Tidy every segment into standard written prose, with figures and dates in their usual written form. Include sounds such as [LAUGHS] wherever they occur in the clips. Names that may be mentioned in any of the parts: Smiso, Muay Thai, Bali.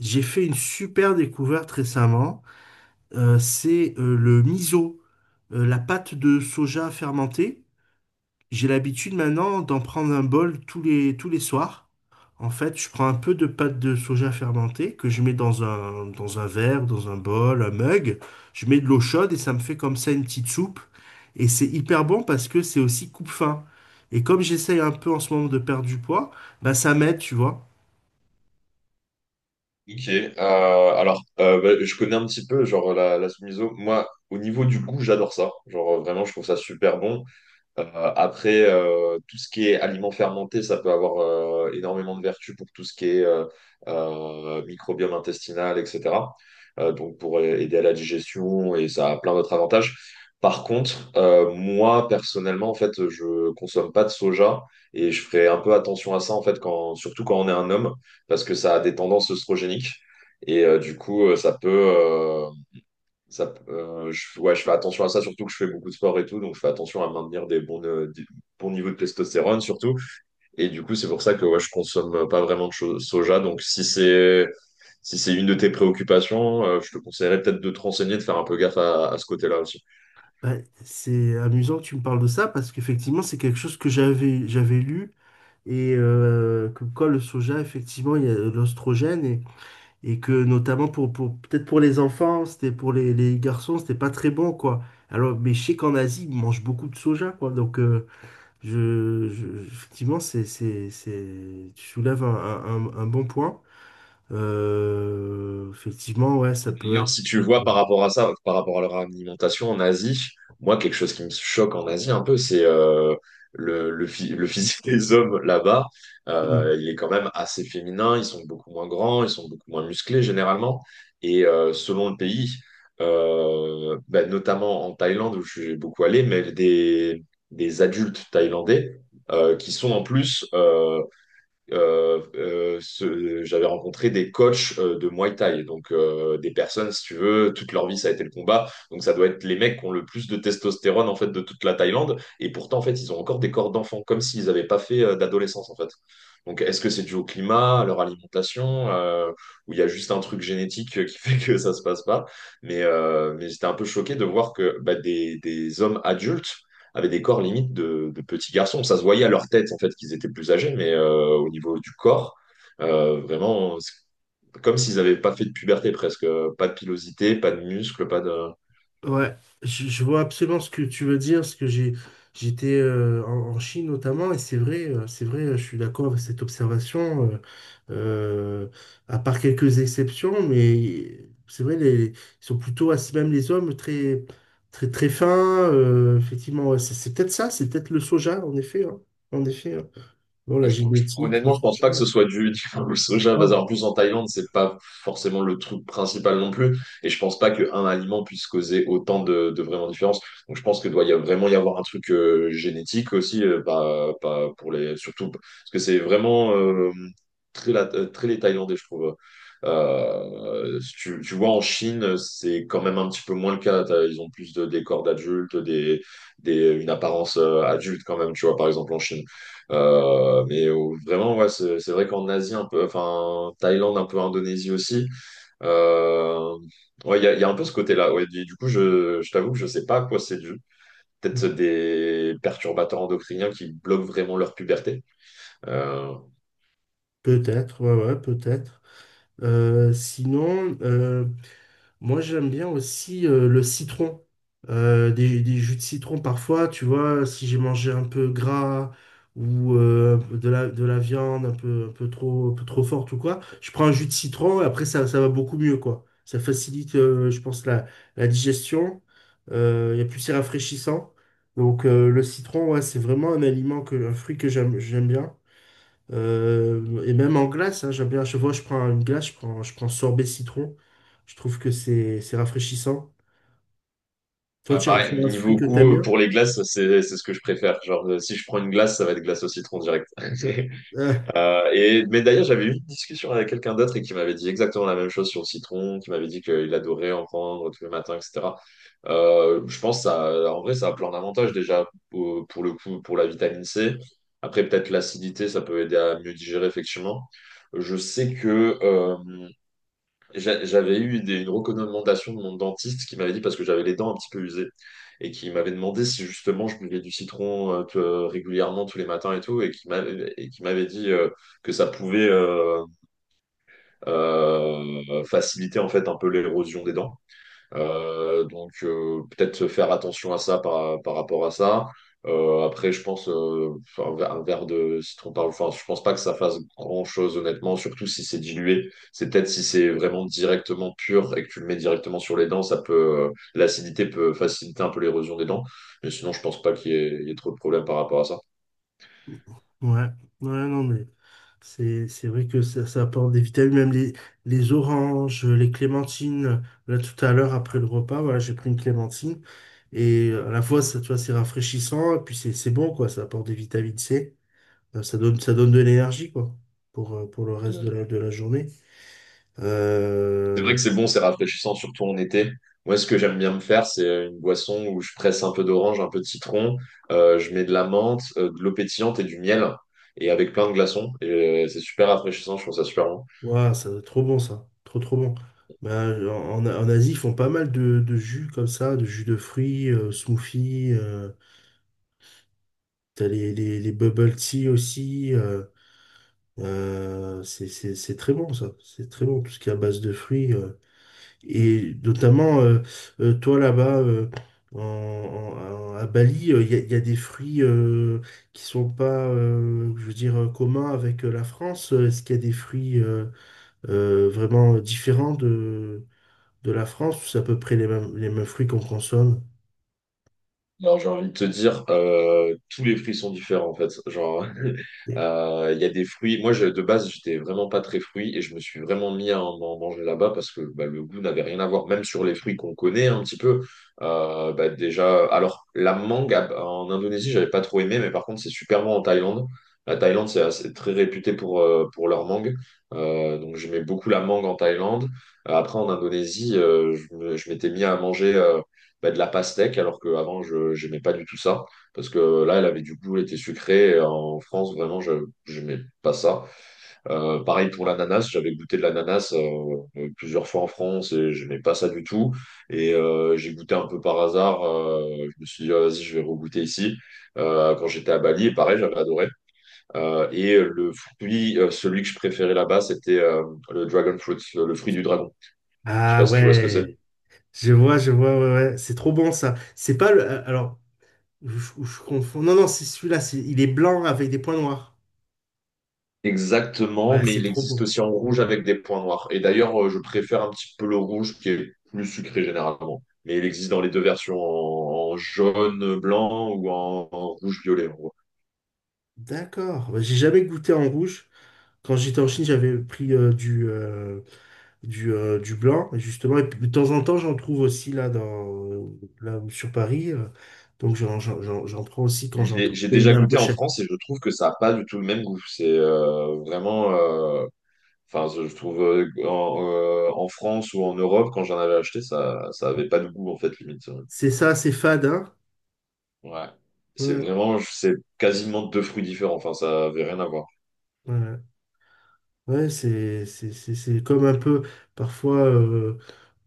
J'ai fait une super découverte récemment. C'est le miso, la pâte de soja fermentée. J'ai l'habitude maintenant d'en prendre un bol tous les soirs. En fait, je prends un peu de pâte de soja fermentée que je mets dans un verre, dans un bol, un mug. Je mets de l'eau chaude et ça me fait comme ça une petite soupe. Et c'est hyper bon parce que c'est aussi coupe-faim. Et comme j'essaye un peu en ce moment de perdre du poids, bah ça m'aide, tu vois. Ok, euh, alors , je connais un petit peu genre la Smiso. Moi, au niveau du goût, j'adore ça. Genre, vraiment, je trouve ça super bon. Tout ce qui est aliments fermentés, ça peut avoir énormément de vertus pour tout ce qui est microbiome intestinal, etc. Donc pour aider à la digestion, et ça a plein d'autres avantages. Par contre, moi personnellement, en fait, je consomme pas de soja et je ferai un peu attention à ça, en fait, surtout quand on est un homme, parce que ça a des tendances œstrogéniques et du coup, ça peut euh, ça, je, ouais, je fais attention à ça, surtout que je fais beaucoup de sport et tout, donc je fais attention à maintenir des bons niveaux de testostérone surtout. Et du coup, c'est pour ça que ouais, je consomme pas vraiment de soja. Donc si c'est une de tes préoccupations, je te conseillerais peut-être de te renseigner, de faire un peu gaffe à ce côté-là aussi. Ouais, c'est amusant que tu me parles de ça parce qu'effectivement, c'est quelque chose que j'avais lu et comme quoi le soja, effectivement, il y a l'ostrogène et que notamment pour peut-être pour les enfants, c'était pour les garçons, c'était pas très bon quoi. Alors, mais je sais qu'en Asie, ils mangent beaucoup de soja quoi. Donc, effectivement, c'est tu soulèves un bon point. Effectivement, ouais, ça D'ailleurs, peut si tu être. vois par rapport à ça, par rapport à leur alimentation en Asie, moi, quelque chose qui me choque en Asie un peu, c'est le physique [LAUGHS] des hommes là-bas. euh, Il est quand même assez féminin, ils sont beaucoup moins grands, ils sont beaucoup moins musclés généralement. Et selon le pays, notamment en Thaïlande où je suis beaucoup allé, mais des adultes thaïlandais, qui sont en plus... j'avais rencontré des coachs de Muay Thai, donc des personnes, si tu veux, toute leur vie ça a été le combat, donc ça doit être les mecs qui ont le plus de testostérone en fait de toute la Thaïlande, et pourtant en fait ils ont encore des corps d'enfants, comme s'ils n'avaient pas fait d'adolescence en fait. Donc est-ce que c'est dû au climat, à leur alimentation, ou il y a juste un truc génétique, qui [LAUGHS] fait que ça se passe pas? Mais j'étais un peu choqué de voir que bah, des hommes adultes avaient des corps limite de petits garçons. Ça se voyait à leur tête, en fait, qu'ils étaient plus âgés, mais au niveau du corps, vraiment, c'est comme s'ils n'avaient pas fait de puberté presque. Pas de pilosité, pas de muscles, pas de. Ouais, je vois absolument ce que tu veux dire, parce que j'étais en Chine notamment, et c'est vrai, je suis d'accord avec cette observation, euh, à part quelques exceptions, mais c'est vrai, ils sont plutôt, même les hommes, très fins, effectivement, ouais, c'est peut-être ça, c'est peut-être le soja, en effet, hein, en effet, hein. Bon, la génétique, le Honnêtement, je pense soja, pas que ce soit [LAUGHS] le soja, parce non. qu'en plus en Thaïlande, c'est pas forcément le truc principal non plus. Et je pense pas qu'un aliment puisse causer autant de vraiment différence. Donc je pense que vraiment y avoir un truc génétique aussi, pas pour les, surtout parce que c'est vraiment très les Thaïlandais, je trouve. Si tu, tu vois, en Chine, c'est quand même un petit peu moins le cas. Ils ont plus de décors d'adultes, une apparence, adulte quand même, tu vois, par exemple en Chine. Vraiment, ouais, c'est vrai qu'en Asie, un peu, enfin, Thaïlande, un peu Indonésie aussi, euh, ouais, il y a un peu ce côté-là. Ouais, je t'avoue que je sais pas à quoi c'est dû. Peut-être des perturbateurs endocriniens qui bloquent vraiment leur puberté. Euh, Peut-être, ouais, ouais, peut-être. Sinon, moi, j'aime bien aussi le citron. Des jus de citron parfois, tu vois, si j'ai mangé un peu gras ou un peu de la viande un peu trop forte ou quoi, je prends un jus de citron et après ça, ça va beaucoup mieux, quoi. Ça facilite, je pense, la digestion. Et plus c'est rafraîchissant. Donc le citron, ouais, c'est vraiment un aliment que, un fruit que j'aime bien. Et même en glace, hein, j'aime bien. À chaque fois je prends une glace, je prends sorbet citron. Je trouve que c'est rafraîchissant. Toi, ouais, c'est pareil, un fruit niveau que t'aimes goût, bien? pour les glaces, c'est ce que je préfère. Genre, si je prends une glace, ça va être glace au citron direct. [LAUGHS] Euh, D'ailleurs, j'avais eu une discussion avec quelqu'un d'autre et qui m'avait dit exactement la même chose sur le citron, qui m'avait dit qu'il adorait en prendre tous les matins, etc. Je pense que ça, en vrai, ça a plein d'avantages déjà pour le coup, pour la vitamine C. Après, peut-être l'acidité, ça peut aider à mieux digérer, effectivement. Je sais que J'a- J'avais eu une recommandation de mon dentiste qui m'avait dit, parce que j'avais les dents un petit peu usées, et qui m'avait demandé si justement je buvais du citron régulièrement tous les matins et tout, et qui m'avait dit que ça pouvait faciliter en fait un peu l'érosion des dents. Peut-être se faire attention à ça par rapport à ça. Après, je pense enfin, un, ver- un verre de citron par Enfin, je pense pas que ça fasse grand-chose honnêtement, surtout si c'est dilué. C'est peut-être si c'est vraiment directement pur et que tu le mets directement sur les dents, ça peut l'acidité peut faciliter un peu l'érosion des dents. Mais sinon, je pense pas il y ait trop de problèmes par rapport à ça. ouais, ouais, non, mais c'est vrai que ça apporte des vitamines, même les oranges, les clémentines. Là, tout à l'heure, après le repas, voilà, j'ai pris une clémentine. Et à la fois, ça, tu vois, c'est rafraîchissant, et puis c'est bon, quoi. Ça apporte des vitamines C. Ça donne de l'énergie, quoi, pour le reste de la journée. C'est vrai Euh, que c'est bon, c'est rafraîchissant, surtout en été. Moi, ce que j'aime bien me faire, c'est une boisson où je presse un peu d'orange, un peu de citron, je mets de la menthe, de l'eau pétillante et du miel, et avec plein de glaçons. Et c'est super rafraîchissant, je trouve ça super bon. Ouah, ça doit être trop bon ça, trop trop bon. Ben en Asie, ils font pas mal de jus comme ça, de jus de fruits, smoothies, t'as les bubble tea aussi. C'est très bon ça, c'est très bon tout ce qui est à base de fruits. Et notamment, toi là-bas, à Bali, il y, a, y a des fruits qui sont pas, je veux dire, communs avec la France. Est-ce qu'il y a des fruits vraiment différents de la France, ou c'est à peu près les mêmes fruits qu'on consomme? J'ai envie de te dire, tous les fruits sont différents en fait. Genre, [LAUGHS] il y a des fruits. De base, j'étais vraiment pas très fruit et je me suis vraiment mis à en manger là-bas parce que bah, le goût n'avait rien à voir. Même sur les fruits qu'on connaît un petit peu, bah, déjà. Alors, en Indonésie, j'avais pas trop aimé, mais par contre, c'est super bon en Thaïlande. La Thaïlande, c'est très réputé pour leur mangue. Donc, j'aimais beaucoup la mangue en Thaïlande. En Indonésie, je m'étais mis à manger de la pastèque, alors qu'avant, je n'aimais pas du tout ça. Parce que là, elle avait du goût, elle était sucrée. En France, vraiment, je n'aimais pas ça. Pareil pour l'ananas, j'avais goûté de l'ananas plusieurs fois en France et je n'aimais pas ça du tout. Et j'ai goûté un peu par hasard. Je me suis dit, ah, vas-y, je vais regoûter ici. Quand j'étais à Bali, et pareil, j'avais adoré. Et le fruit, celui que je préférais là-bas, c'était le dragon fruit, le fruit du dragon. Je sais Ah pas si tu vois ce que c'est. ouais, je vois, ouais, ouais. C'est trop bon ça. C'est pas le. Alors, je confonds. Non, non, c'est celui-là. Il est blanc avec des points noirs. Exactement, Ouais, mais c'est il trop existe bon. aussi en rouge avec des points noirs. Et d'ailleurs, je préfère un petit peu le rouge qui est plus sucré généralement. Mais il existe dans les deux versions, en jaune, blanc ou en rouge, violet, en gros. D'accord. Bah, j'ai jamais goûté en rouge. Quand j'étais en Chine, j'avais pris du blanc, justement. Et puis, de temps en temps, j'en trouve aussi là, là sur Paris. Donc, j'en prends aussi quand j'en J'ai trouve. j'ai Et il est déjà un peu goûté en cher. France et je trouve que ça n'a pas du tout le même goût. C'est je trouve, en France ou en Europe, quand j'en avais acheté, ça avait pas de goût en fait, limite. C'est ça, c'est fade, hein? Ouais. C'est Ouais. vraiment, c'est quasiment deux fruits différents. Enfin, ça avait rien à voir. Ouais, Ouais, c'est comme un peu, parfois, euh,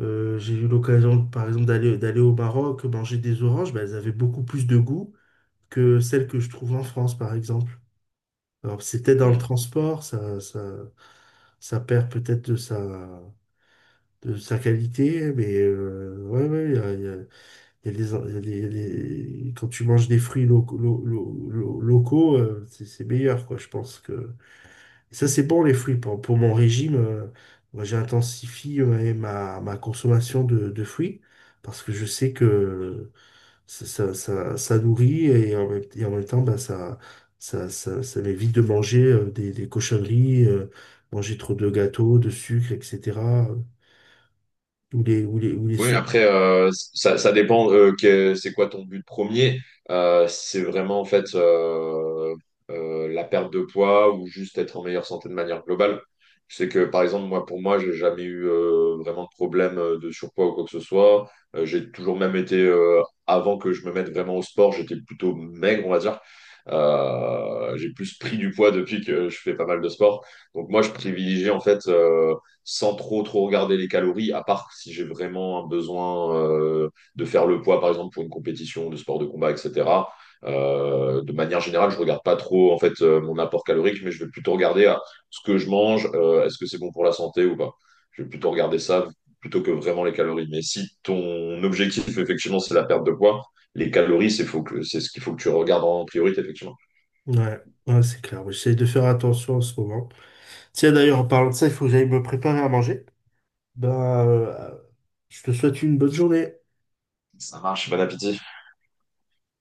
euh, j'ai eu l'occasion, par exemple, d'aller au Maroc, manger des oranges, bah, elles avaient beaucoup plus de goût que celles que je trouve en France, par exemple. Alors, c'était dans le transport, ça perd peut-être de sa qualité, mais ouais, ouais, il y a, il y a- il y a des il y a des- quand tu manges des fruits locaux, locaux, c'est meilleur, quoi, je pense que. Ça, c'est bon, les fruits. Pour mon régime, moi, j'intensifie ma consommation de fruits parce que je sais que ça nourrit et et en même temps, bah, ça m'évite de manger des cochonneries, manger trop de gâteaux, de sucre, etc. Ou les Oui, sauces. après, ça dépend c'est quoi ton but premier. C'est vraiment en fait La perte de poids ou juste être en meilleure santé de manière globale. C'est que par exemple, moi pour moi, j'ai jamais eu vraiment de problème de surpoids ou quoi que ce soit. J'ai toujours même été, avant que je me mette vraiment au sport, j'étais plutôt maigre, on va dire. J'ai plus pris du poids depuis que je fais pas mal de sport. Donc moi, je privilégie en fait, sans trop regarder les calories, à part si j'ai vraiment un besoin de faire le poids, par exemple pour une compétition de sport de combat, etc. De manière générale, je regarde pas trop en fait mon apport calorique, mais je vais plutôt regarder ce que je mange, est-ce que c'est bon pour la santé ou pas. Je vais plutôt regarder ça plutôt que vraiment les calories. Mais si ton objectif effectivement c'est la perte de poids, les calories c'est ce qu'il faut que tu regardes en priorité effectivement. Ouais, ouais, c'est clair. Ouais, j'essaie de faire attention en ce moment. Tiens, d'ailleurs, en parlant de ça, il faut que j'aille me préparer à manger. Bah, je te souhaite une bonne journée. Ça marche, bon appétit.